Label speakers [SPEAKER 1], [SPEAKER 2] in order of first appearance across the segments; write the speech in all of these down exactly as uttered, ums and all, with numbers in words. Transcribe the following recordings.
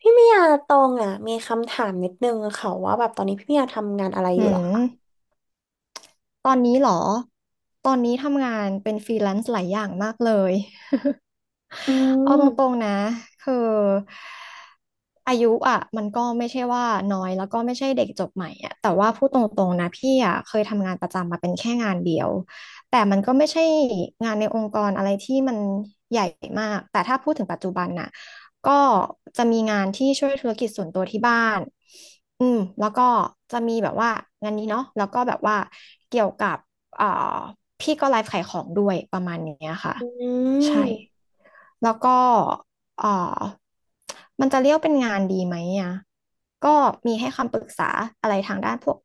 [SPEAKER 1] พี่เมียตองอ่ะมีคำถามนิดนึงค่ะว่าแบบตอนนี้พี่เมียทำงานอะไรอ
[SPEAKER 2] อื
[SPEAKER 1] ยู่เหรอคะ
[SPEAKER 2] มตอนนี้เหรอตอนนี้ทำงานเป็นฟรีแลนซ์หลายอย่างมากเลย
[SPEAKER 1] อื
[SPEAKER 2] เอาตรง
[SPEAKER 1] ม
[SPEAKER 2] ๆนะคืออายุอ่ะมันก็ไม่ใช่ว่าน้อยแล้วก็ไม่ใช่เด็กจบใหม่อ่ะแต่ว่าพูดตรงๆนะพี่อ่ะเคยทำงานประจำมาเป็นแค่งานเดียวแต่มันก็ไม่ใช่งานในองค์กรอะไรที่มันใหญ่มากแต่ถ้าพูดถึงปัจจุบันน่ะก็จะมีงานที่ช่วยธุรกิจส่วนตัวที่บ้านอืมแล้วก็จะมีแบบว่างานนี้เนาะแล้วก็แบบว่าเกี่ยวกับเอ่อพี่ก็ไลฟ์ขายของด้วยประมาณเนี้ยค่ะ
[SPEAKER 1] อื
[SPEAKER 2] ใช่
[SPEAKER 1] ม
[SPEAKER 2] แล้วก็เอ่อมันจะเรียกเป็นงานดีไหมอ่ะก็มีให้คำปรึกษาอะไรทางด้านพวก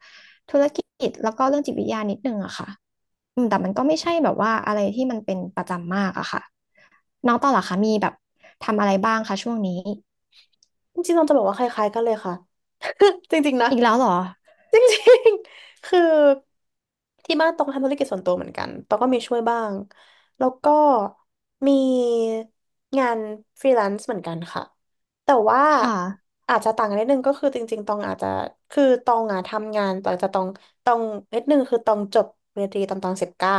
[SPEAKER 2] ธุรกิจแล้วก็เรื่องจิตวิทยานิดนึงอะค่ะอืมแต่มันก็ไม่ใช่แบบว่าอะไรที่มันเป็นประจำมากอะค่ะน้องต่อเหรอคะมีแบบทำอะไรบ้างคะช่วงนี้
[SPEAKER 1] จริงๆตองจะบอกว่าคล้ายๆกันเลยค่ะ จริงๆนะ
[SPEAKER 2] อีกแล้วเหรอ
[SPEAKER 1] จริงๆคือที่บ้านตองทำธุรกิจส่วนตัวเหมือนกันตองก็มีช่วยบ้างแล้วก็มีงานฟรีแลนซ์เหมือนกันค่ะแต่ว่า
[SPEAKER 2] ค่ะ
[SPEAKER 1] อาจจะต่างกันนิดนึงก็คือจริงๆตองอาจจะคือตองอะทำงานหลังจากตองตองนิดนึงคือตองจบปริญญาตรีตอนตอนสิบเก้า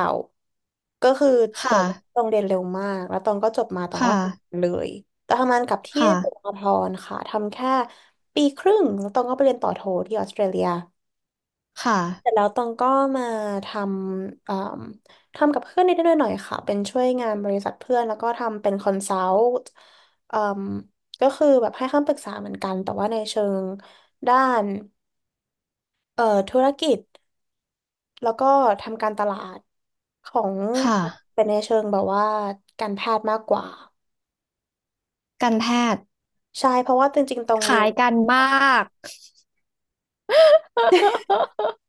[SPEAKER 1] ก็คือเรา
[SPEAKER 2] ค่ะ
[SPEAKER 1] ตองเรียนเร็วมากแล้วตองก็จบมาตองก็
[SPEAKER 2] ค่ะ
[SPEAKER 1] ทำงานเลยตองทำงานกับที่
[SPEAKER 2] ค่ะ
[SPEAKER 1] สหกรณ์ค่ะทำแค่ปีครึ่งแล้วตองก็ไปเรียนต่อโทที่ออสเตรเลีย
[SPEAKER 2] ค่ะ
[SPEAKER 1] เสร็จแล้วตองก็มาทำเอ่มทำกับเพื่อนนิดๆหน่อยๆค่ะเป็นช่วยงานบริษัทเพื่อนแล้วก็ทำเป็นคอนซัลท์เอ่มก็คือแบบให้คำปรึกษาเหมือนกันแต่ว่าในเชิงด้านเอ่อธุรกิจแล้วก็ทำการตลาดของ
[SPEAKER 2] ค่ะ
[SPEAKER 1] เป็นในเชิงแบบว่าการแพทย์มากกว่า
[SPEAKER 2] การแพทย์
[SPEAKER 1] ใช่เพราะว่าจริงๆตอง
[SPEAKER 2] ค
[SPEAKER 1] เรี
[SPEAKER 2] ล้า
[SPEAKER 1] ยน
[SPEAKER 2] ยกันมาก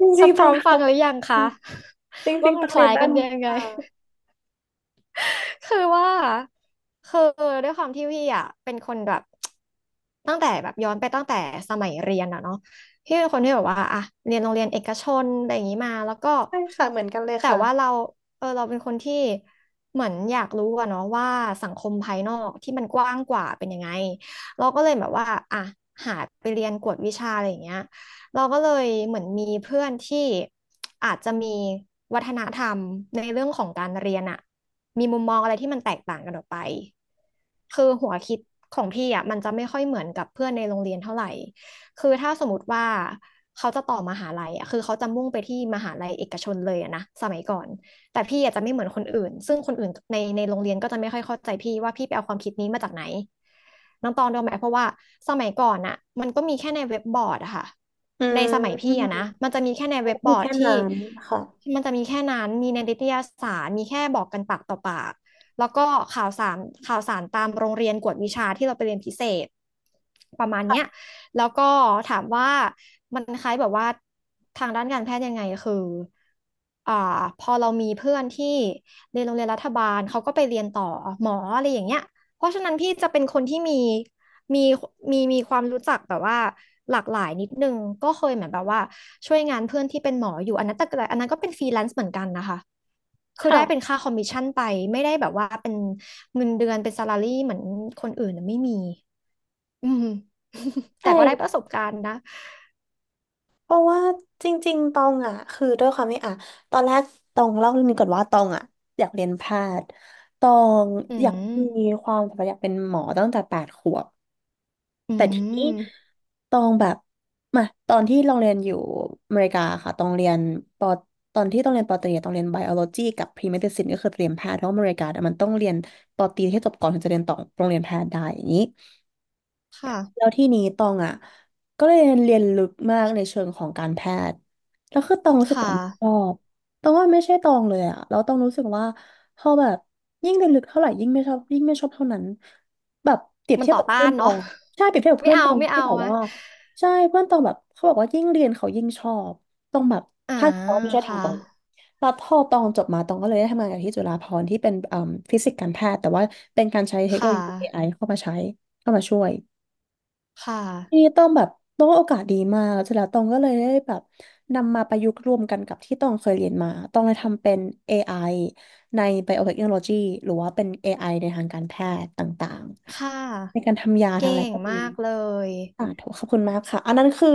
[SPEAKER 1] จริ
[SPEAKER 2] จะ
[SPEAKER 1] งๆ
[SPEAKER 2] พ
[SPEAKER 1] ตอ
[SPEAKER 2] ร้อ
[SPEAKER 1] ง
[SPEAKER 2] ม
[SPEAKER 1] ท
[SPEAKER 2] ฟังหรือยังคะ
[SPEAKER 1] ำจ ริ
[SPEAKER 2] ว่า
[SPEAKER 1] งๆ
[SPEAKER 2] มั
[SPEAKER 1] ต
[SPEAKER 2] น
[SPEAKER 1] อง
[SPEAKER 2] ค
[SPEAKER 1] เรีย
[SPEAKER 2] ล้า
[SPEAKER 1] น
[SPEAKER 2] ย
[SPEAKER 1] ด้า
[SPEAKER 2] กั
[SPEAKER 1] น
[SPEAKER 2] น
[SPEAKER 1] นี้
[SPEAKER 2] ยังไง
[SPEAKER 1] ค่ะ
[SPEAKER 2] คือว่าคือด้วยความที่พี่อ่ะเป็นคนแบบ ตั้งแต่แบบย้อนไปตั้งแต่สมัยเรียนอะเนาะพี่เป็นคนที่แบบว่าอะเรียนโรงเรียนเอกชนอะไรอย่างนี้มาแล้วก็
[SPEAKER 1] ใช่ค่ะเหมือนกันเลย
[SPEAKER 2] แต่
[SPEAKER 1] ค่ะ
[SPEAKER 2] ว่าเราเออเราเป็นคนที่เหมือนอยากรู้อะเนาะว่าสังคมภายนอกที่มันกว้างกว่าเป็นยังไงเราก็เลยแบบว่าอะหาไปเรียนกวดวิชาอะไรอย่างเงี้ยเราก็เลยเหมือนมีเพื่อนที่อาจจะมีวัฒนธรรมในเรื่องของการเรียนอะ มีมุมมองอะไรที่มันแตกต่างกันออกไปคือหัวคิดของพี่อ่ะมันจะไม่ค่อยเหมือนกับเพื่อนในโรงเรียนเท่าไหร่คือถ้าสมมติว่าเขาจะต่อมหาลัยอ่ะคือเขาจะมุ่งไปที่มหาลัยเอกชนเลยอะนะสมัยก่อนแต่พี่อาจจะไม่เหมือนคนอื่นซึ่งคนอื่นในในโรงเรียนก็จะไม่ค่อยเข้าใจพี่ว่าพี่ไปเอาความคิดนี้มาจากไหนน้องตองรู้ไหมเพราะว่าสมัยก่อนอ่ะมันก็มีแค่ในเว็บบอร์ดอะค่ะ
[SPEAKER 1] อื
[SPEAKER 2] ใน
[SPEAKER 1] ม
[SPEAKER 2] สมัยพี่อะนะมันจะมีแค่ใน
[SPEAKER 1] แล้ว
[SPEAKER 2] เว็บ
[SPEAKER 1] ก็
[SPEAKER 2] บ
[SPEAKER 1] มี
[SPEAKER 2] อร์ด
[SPEAKER 1] แค่
[SPEAKER 2] ที่
[SPEAKER 1] นั้นค่ะ
[SPEAKER 2] มันจะมีแค่นั้น มีในนิตยสารมีแค่บอกกันปากต่อปาก แล้วก็ข่าวสารข่าวสารตามโรงเรียนกวดวิชาที่เราไปเรียนพิเศษประมาณเนี้ยแล้วก็ถามว่ามันคล้ายแบบว่าทางด้านการแพทย์ยังไงคืออ่าพอเรามีเพื่อนที่เรียนโรงเรียนรัฐบาลเขาก็ไปเรียนต่อหมออะไรอย่างเงี้ยเพราะฉะนั้นพี่จะเป็นคนที่มี มีมีมีความรู้จักแบบว่าหลากหลายนิดนึงก็เคยเหมือนแบบว่าช่วยงานเพื่อนที่เป็นหมออยู่อันนั้นแต่อันนั้นก็เป็นฟรีแลนซ์เหมือนกันนะคะคือ
[SPEAKER 1] ค่ะ
[SPEAKER 2] ได้เป็นค่าคอมมิชชั่นไปไม่ได้แบบว่าเป็นเงินเดือนเป็นซาลารี่เหมือนคนอื่นน่ะไม่มีอืม แต่
[SPEAKER 1] ใช่
[SPEAKER 2] ก็ได้ประสบการณ์นะ
[SPEAKER 1] เพราะว่าจริงๆตองอ่ะคือด้วยความที่อ่ะตอนแรกตองเล่าเรื่องนี้ก่อนว่าตองอ่ะอยากเรียนแพทย์ตอง
[SPEAKER 2] อื
[SPEAKER 1] อยากมี
[SPEAKER 2] ม
[SPEAKER 1] ความฝันอยากเป็นหมอตั้งแต่แปดขวบ
[SPEAKER 2] อื
[SPEAKER 1] แต่ทีนี้
[SPEAKER 2] ม
[SPEAKER 1] ตองแบบมาตอนที่ลองเรียนอยู่อเมริกาค่ะตองเรียนปอตอนที่ต้องเรียนปอตรีอะต้องเรียนไบโอโลจีกับพรีเมดิซินก็คือเรียนแพทย์เพราะว่าอเมริกาเนี่ยมันต้องเรียนปอตรีให้จบก่อนถึงจะเรียนต่อโรงเรียนแพทย์ได้อย่างนี้ แล้
[SPEAKER 2] ค่ะ
[SPEAKER 1] วที่นี้ตองอ่ะก็เลยเรียนลึกมากในเชิงของการแพทย์แล้วคือตองรู้สึกตอ
[SPEAKER 2] ค่ะ
[SPEAKER 1] งชอบตองว่าไม่ใช่ตองเลยอ่ะแล้วตองรู้สึกว่าพอแบบยิ่งเรียนลึกเท่าไหร่ยิ่งไม่ชอบยิ่งไม่ชอบเท่านั้นแบบเปรียบ
[SPEAKER 2] มัน
[SPEAKER 1] เทียบ
[SPEAKER 2] ต่อ
[SPEAKER 1] กับ
[SPEAKER 2] ต้า
[SPEAKER 1] เพื่อน
[SPEAKER 2] น
[SPEAKER 1] ตอ
[SPEAKER 2] เนาะ
[SPEAKER 1] งใช่เปรียบเทียบกั บ
[SPEAKER 2] ไม่
[SPEAKER 1] เพื่อน
[SPEAKER 2] เอา
[SPEAKER 1] ตอง
[SPEAKER 2] ไม่
[SPEAKER 1] ที่
[SPEAKER 2] เอา
[SPEAKER 1] แบบ
[SPEAKER 2] อะ
[SPEAKER 1] ว่าใช่เพื่อนตองแบบเขาบอกว่ายิ่งเรียนเขายิ่งชอบตองแบบ
[SPEAKER 2] อ่า
[SPEAKER 1] ทางเขาไม่ใช่ทาง
[SPEAKER 2] ค่ะ
[SPEAKER 1] ตองแล้วพอตองจบมาตองก็เลยได้ทำงานกับที่จุฬาภรณ์ที่เป็นเอ่มฟิสิกส์การแพทย์แต่ว่าเป็นการใช้เทคโน
[SPEAKER 2] ค่
[SPEAKER 1] โลยีเอไอ
[SPEAKER 2] ะ
[SPEAKER 1] เข้ามาใช้เข้ามาช่วย
[SPEAKER 2] ค่
[SPEAKER 1] ที
[SPEAKER 2] ะ
[SPEAKER 1] นี้ต้องแบบต้องว่าโอกาสดีมากเสร็จแล้วตองก็เลยได้แบบนำมาประยุกต์รวมกันกับที่ตองเคยเรียนมาตองเลยทำเป็น เอ ไอ ใน Biotechnology หรือว่าเป็น เอ ไอ ในทางการแพทย์ต่าง
[SPEAKER 2] ค่ะ
[SPEAKER 1] ๆในการทำยาทำ
[SPEAKER 2] เก่
[SPEAKER 1] อะไร
[SPEAKER 2] ง
[SPEAKER 1] พวกนี้
[SPEAKER 2] มากเลย
[SPEAKER 1] ค่าถูกขอบคุณมากค่ะ อันนั้นคือ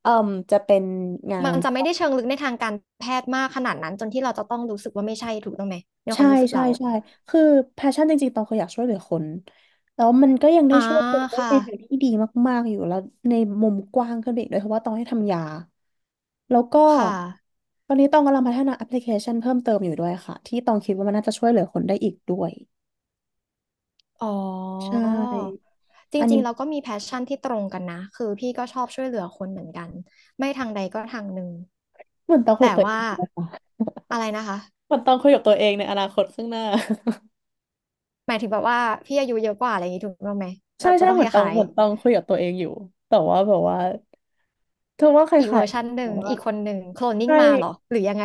[SPEAKER 1] เอ่มจะเป็นงา
[SPEAKER 2] มั
[SPEAKER 1] น
[SPEAKER 2] นจะไม่ได้เชิงลึกในทางการแพทย์มากขนาดนั้นจนที่เราจะต้องรู้สึกว่าไม่ใช่ถูกต้องไหมในค
[SPEAKER 1] ใช่
[SPEAKER 2] วามรู้สึก
[SPEAKER 1] ใช่
[SPEAKER 2] เรา
[SPEAKER 1] ใช่คือแพชชั่นจริงๆตองเคยอยากช่วยเหลือคนแล้วมันก็ยังได้
[SPEAKER 2] อ่า
[SPEAKER 1] ช่วยคนได้
[SPEAKER 2] ค่ะ
[SPEAKER 1] ในทางที่ดีมากๆอยู่แล้วในมุมกว้างขึ้นไปอีกด้วยเพราะว่าตองให้ทำยาแล้วก็
[SPEAKER 2] ค่ะ
[SPEAKER 1] ตอนนี้ตองกำลังพัฒนาแอปพลิเคชันเพิ่มเติมอยู่ด้วยค่ะที่ตองคิดว่ามันน่าจะช่วยเหลือคนได้อีกด้วย
[SPEAKER 2] อ๋อ
[SPEAKER 1] ใช่
[SPEAKER 2] จ
[SPEAKER 1] อัน
[SPEAKER 2] ริ
[SPEAKER 1] นี้
[SPEAKER 2] งๆเราก็มีแพชชั่นที่ตรงกันนะคือพี่ก็ชอบช่วยเหลือคนเหมือนกันไม่ทางใดก็ทางหนึ่ง
[SPEAKER 1] เหมือนตองคุยกั
[SPEAKER 2] แต่
[SPEAKER 1] บตัวเอ
[SPEAKER 2] ว่า
[SPEAKER 1] งเลยค่ะ
[SPEAKER 2] อะไรนะคะ
[SPEAKER 1] เหมือนตองคุยกับตัวเองในอนาคตข้างหน้า
[SPEAKER 2] หมายถึงแบบว่าพี่อายุเยอะกว่าอะไรอย่างนี้ถูกต้องไหม
[SPEAKER 1] ใช่
[SPEAKER 2] เราจะ
[SPEAKER 1] ใช่
[SPEAKER 2] ต้อง
[SPEAKER 1] เหมื
[SPEAKER 2] ค
[SPEAKER 1] อนตอง
[SPEAKER 2] ล้าย
[SPEAKER 1] เหมือนตองคุยกับตัวเองอยู่แต่ว่าแบบว่าเธอว่าใค
[SPEAKER 2] ๆอีก
[SPEAKER 1] ร
[SPEAKER 2] เวอร์ชัน
[SPEAKER 1] ๆ
[SPEAKER 2] ห
[SPEAKER 1] แต่
[SPEAKER 2] นึ่ง
[SPEAKER 1] ว่า
[SPEAKER 2] อีกคนหนึ่งโคลนนิ่ง
[SPEAKER 1] ใช่
[SPEAKER 2] มาเหรอหรือยังไง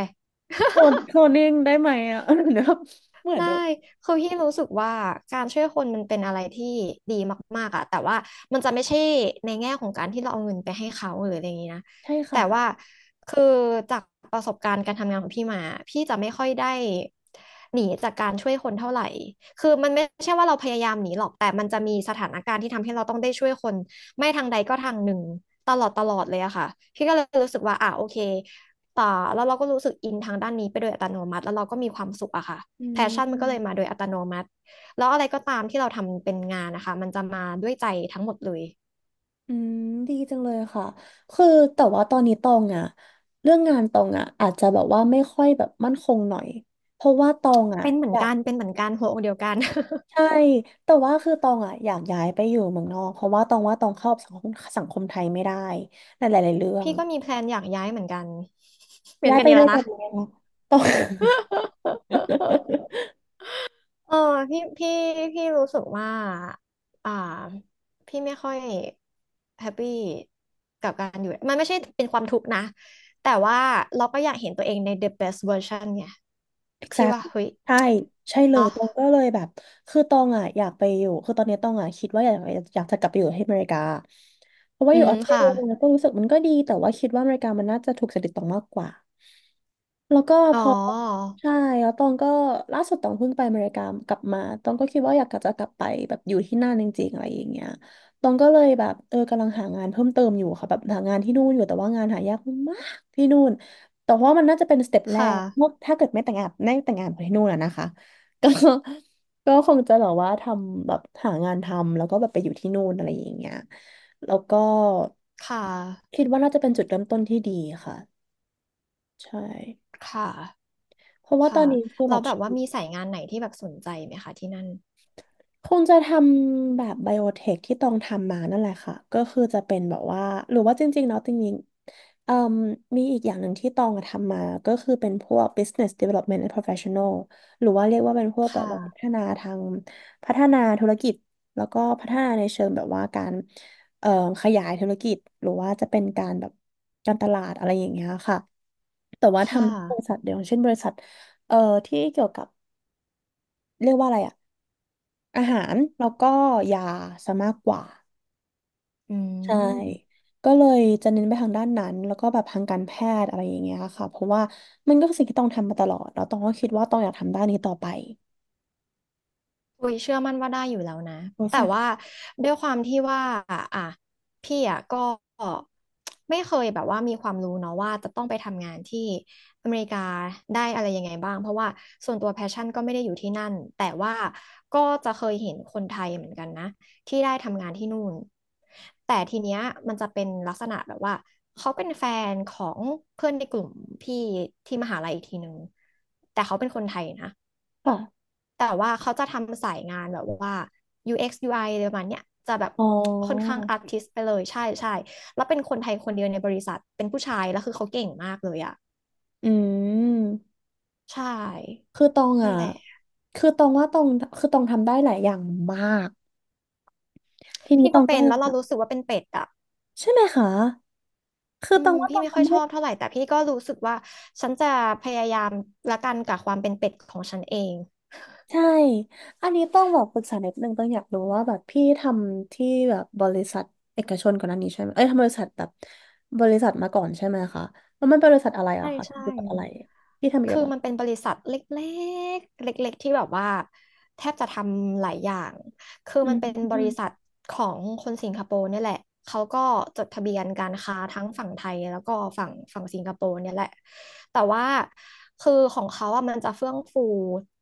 [SPEAKER 1] โทนโทนนิ่งได้ไหมอ่ะ เดี๋ยวเหมือน
[SPEAKER 2] ได้
[SPEAKER 1] แบบ
[SPEAKER 2] คือพี่รู้สึกว่าการช่วยคนมันเป็นอะไรที่ดีมากๆอะแต่ว่ามันจะไม่ใช่ในแง่ของการที่เราเอาเงินไปให้เขาหรืออะไรอย่างนี้นะ
[SPEAKER 1] ใช่
[SPEAKER 2] แต่
[SPEAKER 1] ค่ะ
[SPEAKER 2] ว่าคือจากประสบการณ์การทำงานของพี่มาพี่จะไม่ค่อยได้หนีจากการช่วยคนเท่าไหร่คือมันไม่ใช่ว่าเราพยายามหนีหรอกแต่มันจะมีสถานการณ์ที่ทำให้เราต้องได้ช่วยคนไม่ทางใดก็ทางหนึ่งตลอดตลอดเลยอะค่ะพี่ก็เลยรู้สึกว่าอ่ะโอเคต่อแล้วเราก็รู้สึกอินทางด้านนี้ไปโดยอัตโนมัติแล้วเราก็มีความสุขอะค่ะ
[SPEAKER 1] อื
[SPEAKER 2] แพชชั่นมันก็เลยมา
[SPEAKER 1] ม
[SPEAKER 2] โดยอัตโนมัติแล้วอะไรก็ตามที่เราทำเป็นงานนะคะมันจะมาด้วยใจทั้งหมดเลย
[SPEAKER 1] อืมดีจังเลยค่ะคือแต่ว่าตอนนี้ตองอ่ะเรื่องงานตองอ่ะอาจจะแบบว่าไม่ค่อยแบบมั่นคงหน่อยเพราะว่าตองอ่ะ
[SPEAKER 2] เป็นเหมื
[SPEAKER 1] อ
[SPEAKER 2] อน
[SPEAKER 1] ยาก
[SPEAKER 2] กันเป็นเหมือนกันหัวอกเดียวกัน
[SPEAKER 1] ใช่แต่ว่าคือตองอ่ะอยากย้ายไปอยู่เมืองนอกเพราะว่าตองว่าตองเข้าสังคมสังคมไทยไม่ได้ในหลายๆเรื่อ ง
[SPEAKER 2] พี่ก็มีแพลนอยากย้ายเหมือนกันเปลี่ย
[SPEAKER 1] ย้า
[SPEAKER 2] น
[SPEAKER 1] ย
[SPEAKER 2] กัน
[SPEAKER 1] ไป
[SPEAKER 2] อีก
[SPEAKER 1] ด้
[SPEAKER 2] แล้
[SPEAKER 1] ว
[SPEAKER 2] ว
[SPEAKER 1] ยกั
[SPEAKER 2] นะ
[SPEAKER 1] นเลยนะตอง
[SPEAKER 2] เออพี่พี่พี่รู้สึกว่าอ่าพี่ไม่ค่อยแฮปปี้กับการอยู่มันไม่ใช่เป็นความทุกข์นะแต่ว่าเราก็อยากเห็นตัวเองใน the best version ไงที่
[SPEAKER 1] exact
[SPEAKER 2] ว่าเฮ้ย
[SPEAKER 1] ใช่ใช่เลย
[SPEAKER 2] เนาะ
[SPEAKER 1] ตองก็เลยแบบคือตองอ่ะอยากไปอยู่คือตอนนี้ตองอ่ะคิดว่าอยากอยากจะกลับไปอยู่ที่อเมริกาเพราะว่า
[SPEAKER 2] อื
[SPEAKER 1] อยู่อ
[SPEAKER 2] ม
[SPEAKER 1] อสเตร
[SPEAKER 2] ค่ะ
[SPEAKER 1] เลียเนี่ยก็รู้สึกมันก็ดีแต่ว่าคิดว่าอเมริกามันน่าจะถูกจริตตองมากกว่าแล้วก็
[SPEAKER 2] อ๋
[SPEAKER 1] พ
[SPEAKER 2] อ
[SPEAKER 1] อใช่แล้วตองก็ล่าสุดตองเพิ่งไปอเมริกากลับมาตองก็คิดว่าอยากจะกลับไปแบบอยู่ที่นั่นจริงๆอะไรอย่างเงี้ยตองก็เลยแบบเออกำลังหางานเพิ่มเติมอยู่ค่ะแบบหางานที่นู่นอยู่แต่ว่างานหายากมากที่นู่น แต่ว่ามันน่าจะเป็นสเต็ปแร
[SPEAKER 2] ค่ะ
[SPEAKER 1] กเมื่อถ้าเกิดไม่แต่งงานไม่แต่งงานไปที่นู่นอะนะคะ ก็ก็คงจะแบบว่าทำแบบหางานทำแล้วก็แบบไปอยู่ที่นู่นอะไรอย่างเงี้ยแล้วก็
[SPEAKER 2] ค่ะ
[SPEAKER 1] คิดว่าน่าจะเป็นจุดเริ่มต้นที่ดีค่ะใช่
[SPEAKER 2] ค่ะ
[SPEAKER 1] เพราะว่าตอ
[SPEAKER 2] ค่ะ
[SPEAKER 1] นนี้คือแบ
[SPEAKER 2] เรา
[SPEAKER 1] บ
[SPEAKER 2] แบบ
[SPEAKER 1] ชี
[SPEAKER 2] ว่ามีสายงานไหนที่แบบสนใจไหมคะที่นั่น
[SPEAKER 1] คงจะทำแบบไบโอเทคที่ต้องทำมานั่นแหละค่ะก็คือจะเป็นแบบว่าหรือว่าจริงๆเนาะจริงๆเอ่มมีอีกอย่างหนึ่งที่ตองอะทำมาก็คือเป็นพวก business development and professional หรือว่าเรียกว่าเป็นพวกแบบ
[SPEAKER 2] ค่ะ
[SPEAKER 1] ว่าพัฒนาทางพัฒนาธุรกิจแล้วก็พัฒนาในเชิงแบบว่าการเอ่อขยายธุรกิจหรือว่าจะเป็นการแบบการตลาดอะไรอย่างเงี้ยค่ะแต่ว่าท
[SPEAKER 2] ค่ะ
[SPEAKER 1] ำบริษัทเดียวเช่นบริษัทเอ่อที่เกี่ยวกับเรียกว่าอะไรอะ อาหารแล้วก็ยาซะมากกว่า
[SPEAKER 2] อื
[SPEAKER 1] ใช่
[SPEAKER 2] ม
[SPEAKER 1] ก็เลยจะเน้นไปทางด้านนั้นแล้วก็แบบทางการแพทย์อะไรอย่างเงี้ยค่ะเพราะว่ามันก็คือสิ่งที่ต้องทำมาตลอดแล้วต้องก็คิดว่าต้องอยากทำด้านนี้ต่อไป
[SPEAKER 2] อุ้ยเชื่อมั่นว่าได้อยู่แล้วนะ
[SPEAKER 1] บริ
[SPEAKER 2] แต่
[SPEAKER 1] ษัท
[SPEAKER 2] ว่าด้วยความที่ว่าอ่ะพี่อ่ะก็ไม่เคยแบบว่ามีความรู้เนาะว่าจะต้องไปทำงานที่อเมริกาได้อะไรยังไงบ้างเพราะว่าส่วนตัวแพชชั่นก็ไม่ได้อยู่ที่นั่นแต่ว่าก็จะเคยเห็นคนไทยเหมือนกันนะที่ได้ทำงานที่นู่นแต่ทีเนี้ยมันจะเป็นลักษณะแบบว่าเขาเป็นแฟนของเพื่อนในกลุ่มพี่ที่มหาลัยอีกทีนึงแต่เขาเป็นคนไทยนะ
[SPEAKER 1] ค่ะ
[SPEAKER 2] แต่ว่าเขาจะทำสายงานแบบว่า ยู เอ็กซ์ ยู ไอ อกซ์ยูไออะไรประมาณเนี้ยจะแบบ
[SPEAKER 1] อ๋อ
[SPEAKER 2] ค่อนข้างอาร์ติสต์ไปเลยใช่ใช่แล้วเป็นคนไทยคนเดียวในบริษัทเป็นผู้ชายแล้วคือเขาเก่งมากเลยอะ
[SPEAKER 1] อืม
[SPEAKER 2] ใช่
[SPEAKER 1] คือตอง
[SPEAKER 2] นั่
[SPEAKER 1] อ่ะ
[SPEAKER 2] นแหละ
[SPEAKER 1] คือตองว่าตองคือตองทำได้หลายอย่างมากทีนี้
[SPEAKER 2] พี่
[SPEAKER 1] ต
[SPEAKER 2] ก็
[SPEAKER 1] องก็
[SPEAKER 2] เป็นแล้วเรารู้สึกว่าเป็นเป็ดอะ
[SPEAKER 1] ใช่ไหมคะคือ
[SPEAKER 2] อื
[SPEAKER 1] ตอ
[SPEAKER 2] ม
[SPEAKER 1] งว่าต
[SPEAKER 2] พี่
[SPEAKER 1] อง
[SPEAKER 2] ไม่ค่อย
[SPEAKER 1] ทำ
[SPEAKER 2] ช
[SPEAKER 1] ได้
[SPEAKER 2] อบเท่าไหร่แต่พี่ก็รู้สึกว่าฉันจะพยายามละกันกับความเป็นเป็ดของฉันเอง
[SPEAKER 1] ใช่อันนี้ต้องบอกปรึกษานิดนึงต้องอยากรู้ว่าแบบพี่ทำที่แบบบริษัทเอกชนก่อนหน้านี้ใช่ไหมเอ้ยทำบริษัทแบบบริษัทมาก่อนใช่ไหมคะแล้วมันเป็นบริษัทอะไรอะ
[SPEAKER 2] ใช่
[SPEAKER 1] คะ
[SPEAKER 2] ใช่
[SPEAKER 1] เกี่ยวกับอะไรพี่ทำเกี่ย
[SPEAKER 2] คือ
[SPEAKER 1] วกับ
[SPEAKER 2] มันเป็นบริษัทเล็กๆเล็กๆที่แบบว่าแทบจะทำหลายอย่างคือ
[SPEAKER 1] อื
[SPEAKER 2] มั
[SPEAKER 1] ม
[SPEAKER 2] นเป็นบ
[SPEAKER 1] อืม
[SPEAKER 2] ริษัทของคนสิงคโปร์เนี่ยแหละเขาก็จดทะเบียนการค้าทั้งฝั่งไทยแล้วก็ฝั่งฝั่งสิงคโปร์เนี่ยแหละแต่ว่าคือของเขาอะมันจะเฟื่องฟู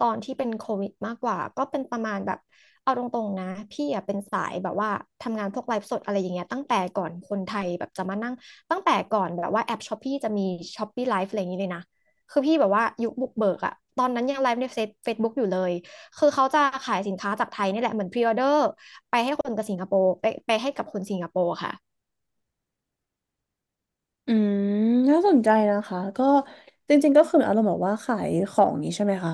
[SPEAKER 2] ตอนที่เป็นโควิดมากกว่าก็เป็นประมาณแบบเอาตรงๆนะพี่อะเป็นสายแบบว่าทำงานพวกไลฟ์สดอะไรอย่างเงี้ยตั้งแต่ก่อนคนไทยแบบจะมานั่งตั้งแต่ก่อนแบบว่าแอปช้อปปี้จะมีช้อปปี้ไลฟ์อะไรอย่างงี้เลยนะ คือพี่แบบว่ายุคบุกเบิกอะตอนนั้นยังไลฟ์ในเฟซเฟซบุ๊กอยู่เลยคือเขาจะขายสินค้าจากไทยนี่แหละเหมือนพรีออเดอร์ไปให้คนกับสิงคโปร์ไปไปให้กับคนสิงคโปร์ค่ะ
[SPEAKER 1] อืมน่าสนใจนะคะก็จริงๆก็คืออารมณ์แบบว่าขายของนี้ใช่ไหมคะ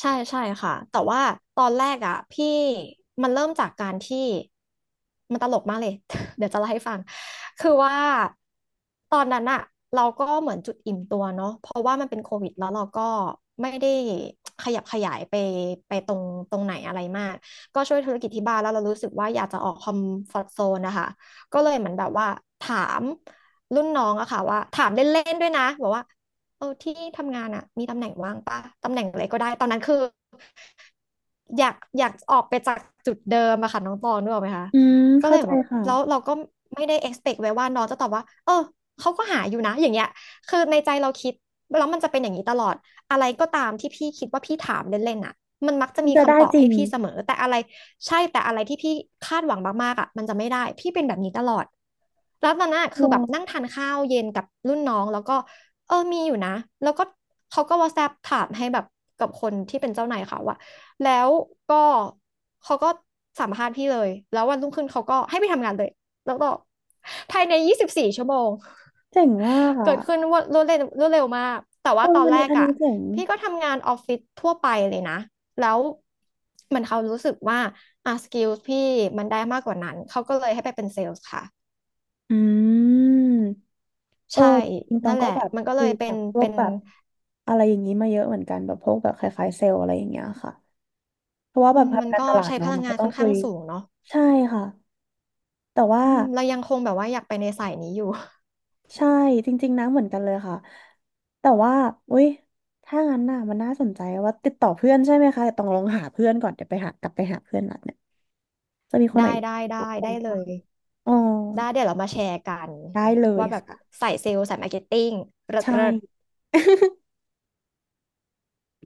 [SPEAKER 2] ใช่ใช่ค่ะแต่ว่าตอนแรกอ่ะพี่มันเริ่มจากการที่มันตลกมากเลย เดี๋ยวจะเล่าให้ฟังคือว่าตอนนั้นอ่ะเราก็เหมือนจุดอิ่มตัวเนาะเพราะว่ามันเป็นโควิดแล้วเราก็ไม่ได้ขยับขยายไปไปตรงตรงไหนอะไรมากก็ช่วยธุรกิจที่บ้านแล้วเรารู้สึกว่าอยากจะออกคอมฟอร์ z โซนนะคะก็เลยเหมือนแบบว่าถามรุ่นน้องอะค่ะว่าถามเล่นๆด้วยนะบอกว่า เออที่ทำงานอ่ะมีตำแหน่งว่างปะตำแหน่งอะไรก็ได้ตอนนั้นคืออยากอยากออกไปจากจุดเดิมอะค่ะน้องตองนึกออกไหมคะ
[SPEAKER 1] อืม
[SPEAKER 2] ก็
[SPEAKER 1] เข้า
[SPEAKER 2] เลย
[SPEAKER 1] ใจ
[SPEAKER 2] แบบ
[SPEAKER 1] ค่ะ
[SPEAKER 2] แล้วเราก็ไม่ได้ expect ไว้ว่าน้องจะตอบว่าเออเขาก็หาอยู่นะอย่างเงี้ยคือในใจเราคิดแล้วมันจะเป็นอย่างนี้ตลอดอะไรก็ตามที่พี่คิดว่าพี่ถามเล่นๆอะมันมักจะ
[SPEAKER 1] มัน
[SPEAKER 2] มี
[SPEAKER 1] จะได้
[SPEAKER 2] คำตอบ
[SPEAKER 1] จริ
[SPEAKER 2] ให้
[SPEAKER 1] ง
[SPEAKER 2] พี่เสมอแต่อะไรใช่แต่อะไรที่พี่คาดหวังมากๆอะมันจะไม่ได้พี่เป็นแบบนี้ตลอดแล้วตอนนั้นอะ
[SPEAKER 1] โอ
[SPEAKER 2] คือแบบนั่ง
[SPEAKER 1] ้
[SPEAKER 2] ทานข้าวเย็นกับรุ่นน้องแล้วก็ เออ มีอยู่นะ แล้วก็เขาก็ WhatsApp ถามให้แบบกับคนที่เป็นเจ้านายเขาอะแล้วก็เขาก็สัมภาษณ์พี่เลย แล้ววันรุ่งขึ้นเขาก็ให้ไปทำงานเลย แล้วก็ภายในยี่สิบสี่ชั่วโมง
[SPEAKER 1] เจ๋งมาก อะ
[SPEAKER 2] เกิดขึ้นว่ารวดเร็วรวดเร็วมากแต่
[SPEAKER 1] ต
[SPEAKER 2] ว่า
[SPEAKER 1] รง
[SPEAKER 2] ตอน
[SPEAKER 1] อัน
[SPEAKER 2] แร
[SPEAKER 1] นี้
[SPEAKER 2] ก
[SPEAKER 1] อัน
[SPEAKER 2] อะ
[SPEAKER 1] นี้เจ๋ง
[SPEAKER 2] พี่ก็ทำงานออฟฟิศทั่วไปเลยนะ แล้วมันเขารู้สึกว่าอ่ะสกิลพี่มันได้มากกว่านั้น เขาก็เลยให้ไปเป็นเซลส์ค่ะ
[SPEAKER 1] อืม เออ
[SPEAKER 2] ใช่
[SPEAKER 1] จริงๆตอ
[SPEAKER 2] นั่
[SPEAKER 1] ง
[SPEAKER 2] นแห
[SPEAKER 1] ก็
[SPEAKER 2] ละ
[SPEAKER 1] แบบ
[SPEAKER 2] มันก็เล
[SPEAKER 1] คุ
[SPEAKER 2] ย
[SPEAKER 1] ย
[SPEAKER 2] เป็
[SPEAKER 1] กั
[SPEAKER 2] น
[SPEAKER 1] บพว
[SPEAKER 2] เป็
[SPEAKER 1] ก
[SPEAKER 2] น
[SPEAKER 1] แบบอะไรอย่างนี้มาเยอะเหมือนกันแบบพวกแบบคล้ายๆเซลล์อะไรอย่างเงี้ยค่ะเพราะว่า
[SPEAKER 2] อื
[SPEAKER 1] แบบ
[SPEAKER 2] มมัน
[SPEAKER 1] ทำการ
[SPEAKER 2] ก็
[SPEAKER 1] ตลาด
[SPEAKER 2] ใช้พ
[SPEAKER 1] เนาะ
[SPEAKER 2] ลั
[SPEAKER 1] มั
[SPEAKER 2] ง
[SPEAKER 1] นก็
[SPEAKER 2] งาน
[SPEAKER 1] ต้อ
[SPEAKER 2] ค่อ
[SPEAKER 1] ง
[SPEAKER 2] น
[SPEAKER 1] คุ
[SPEAKER 2] ข้าง
[SPEAKER 1] ย
[SPEAKER 2] สูงเนาะ
[SPEAKER 1] ใช่ค่ะแต่ว่า
[SPEAKER 2] อืมเรายังคงแบบว่าอยากไปในสายนี้อยู่
[SPEAKER 1] ใช่จริงๆนะเหมือนกันเลยค่ะแต่ว่าอุ้ยถ้างั้นน่ะมันน่าสนใจว่าติดต่อเพื่อนใช่ไหมคะแต่ต้องลองหาเพื่อนก่อนเดี๋ยวไปหากลับไปหาเพื่อนนัดเนี่ยจะมีค นไหน
[SPEAKER 2] ได้ได้
[SPEAKER 1] รั
[SPEAKER 2] ได้
[SPEAKER 1] บผ
[SPEAKER 2] ได้
[SPEAKER 1] ม
[SPEAKER 2] เล
[SPEAKER 1] บ้าง
[SPEAKER 2] ย
[SPEAKER 1] อ๋อ
[SPEAKER 2] ได้เดี๋ยวเรามาแชร์กัน
[SPEAKER 1] ได้เลย
[SPEAKER 2] ว่าแบบ
[SPEAKER 1] ค่ะ
[SPEAKER 2] สายเซลล์สายมาร์เก็ตติ้งเลิศ
[SPEAKER 1] ใช่
[SPEAKER 2] เลิศ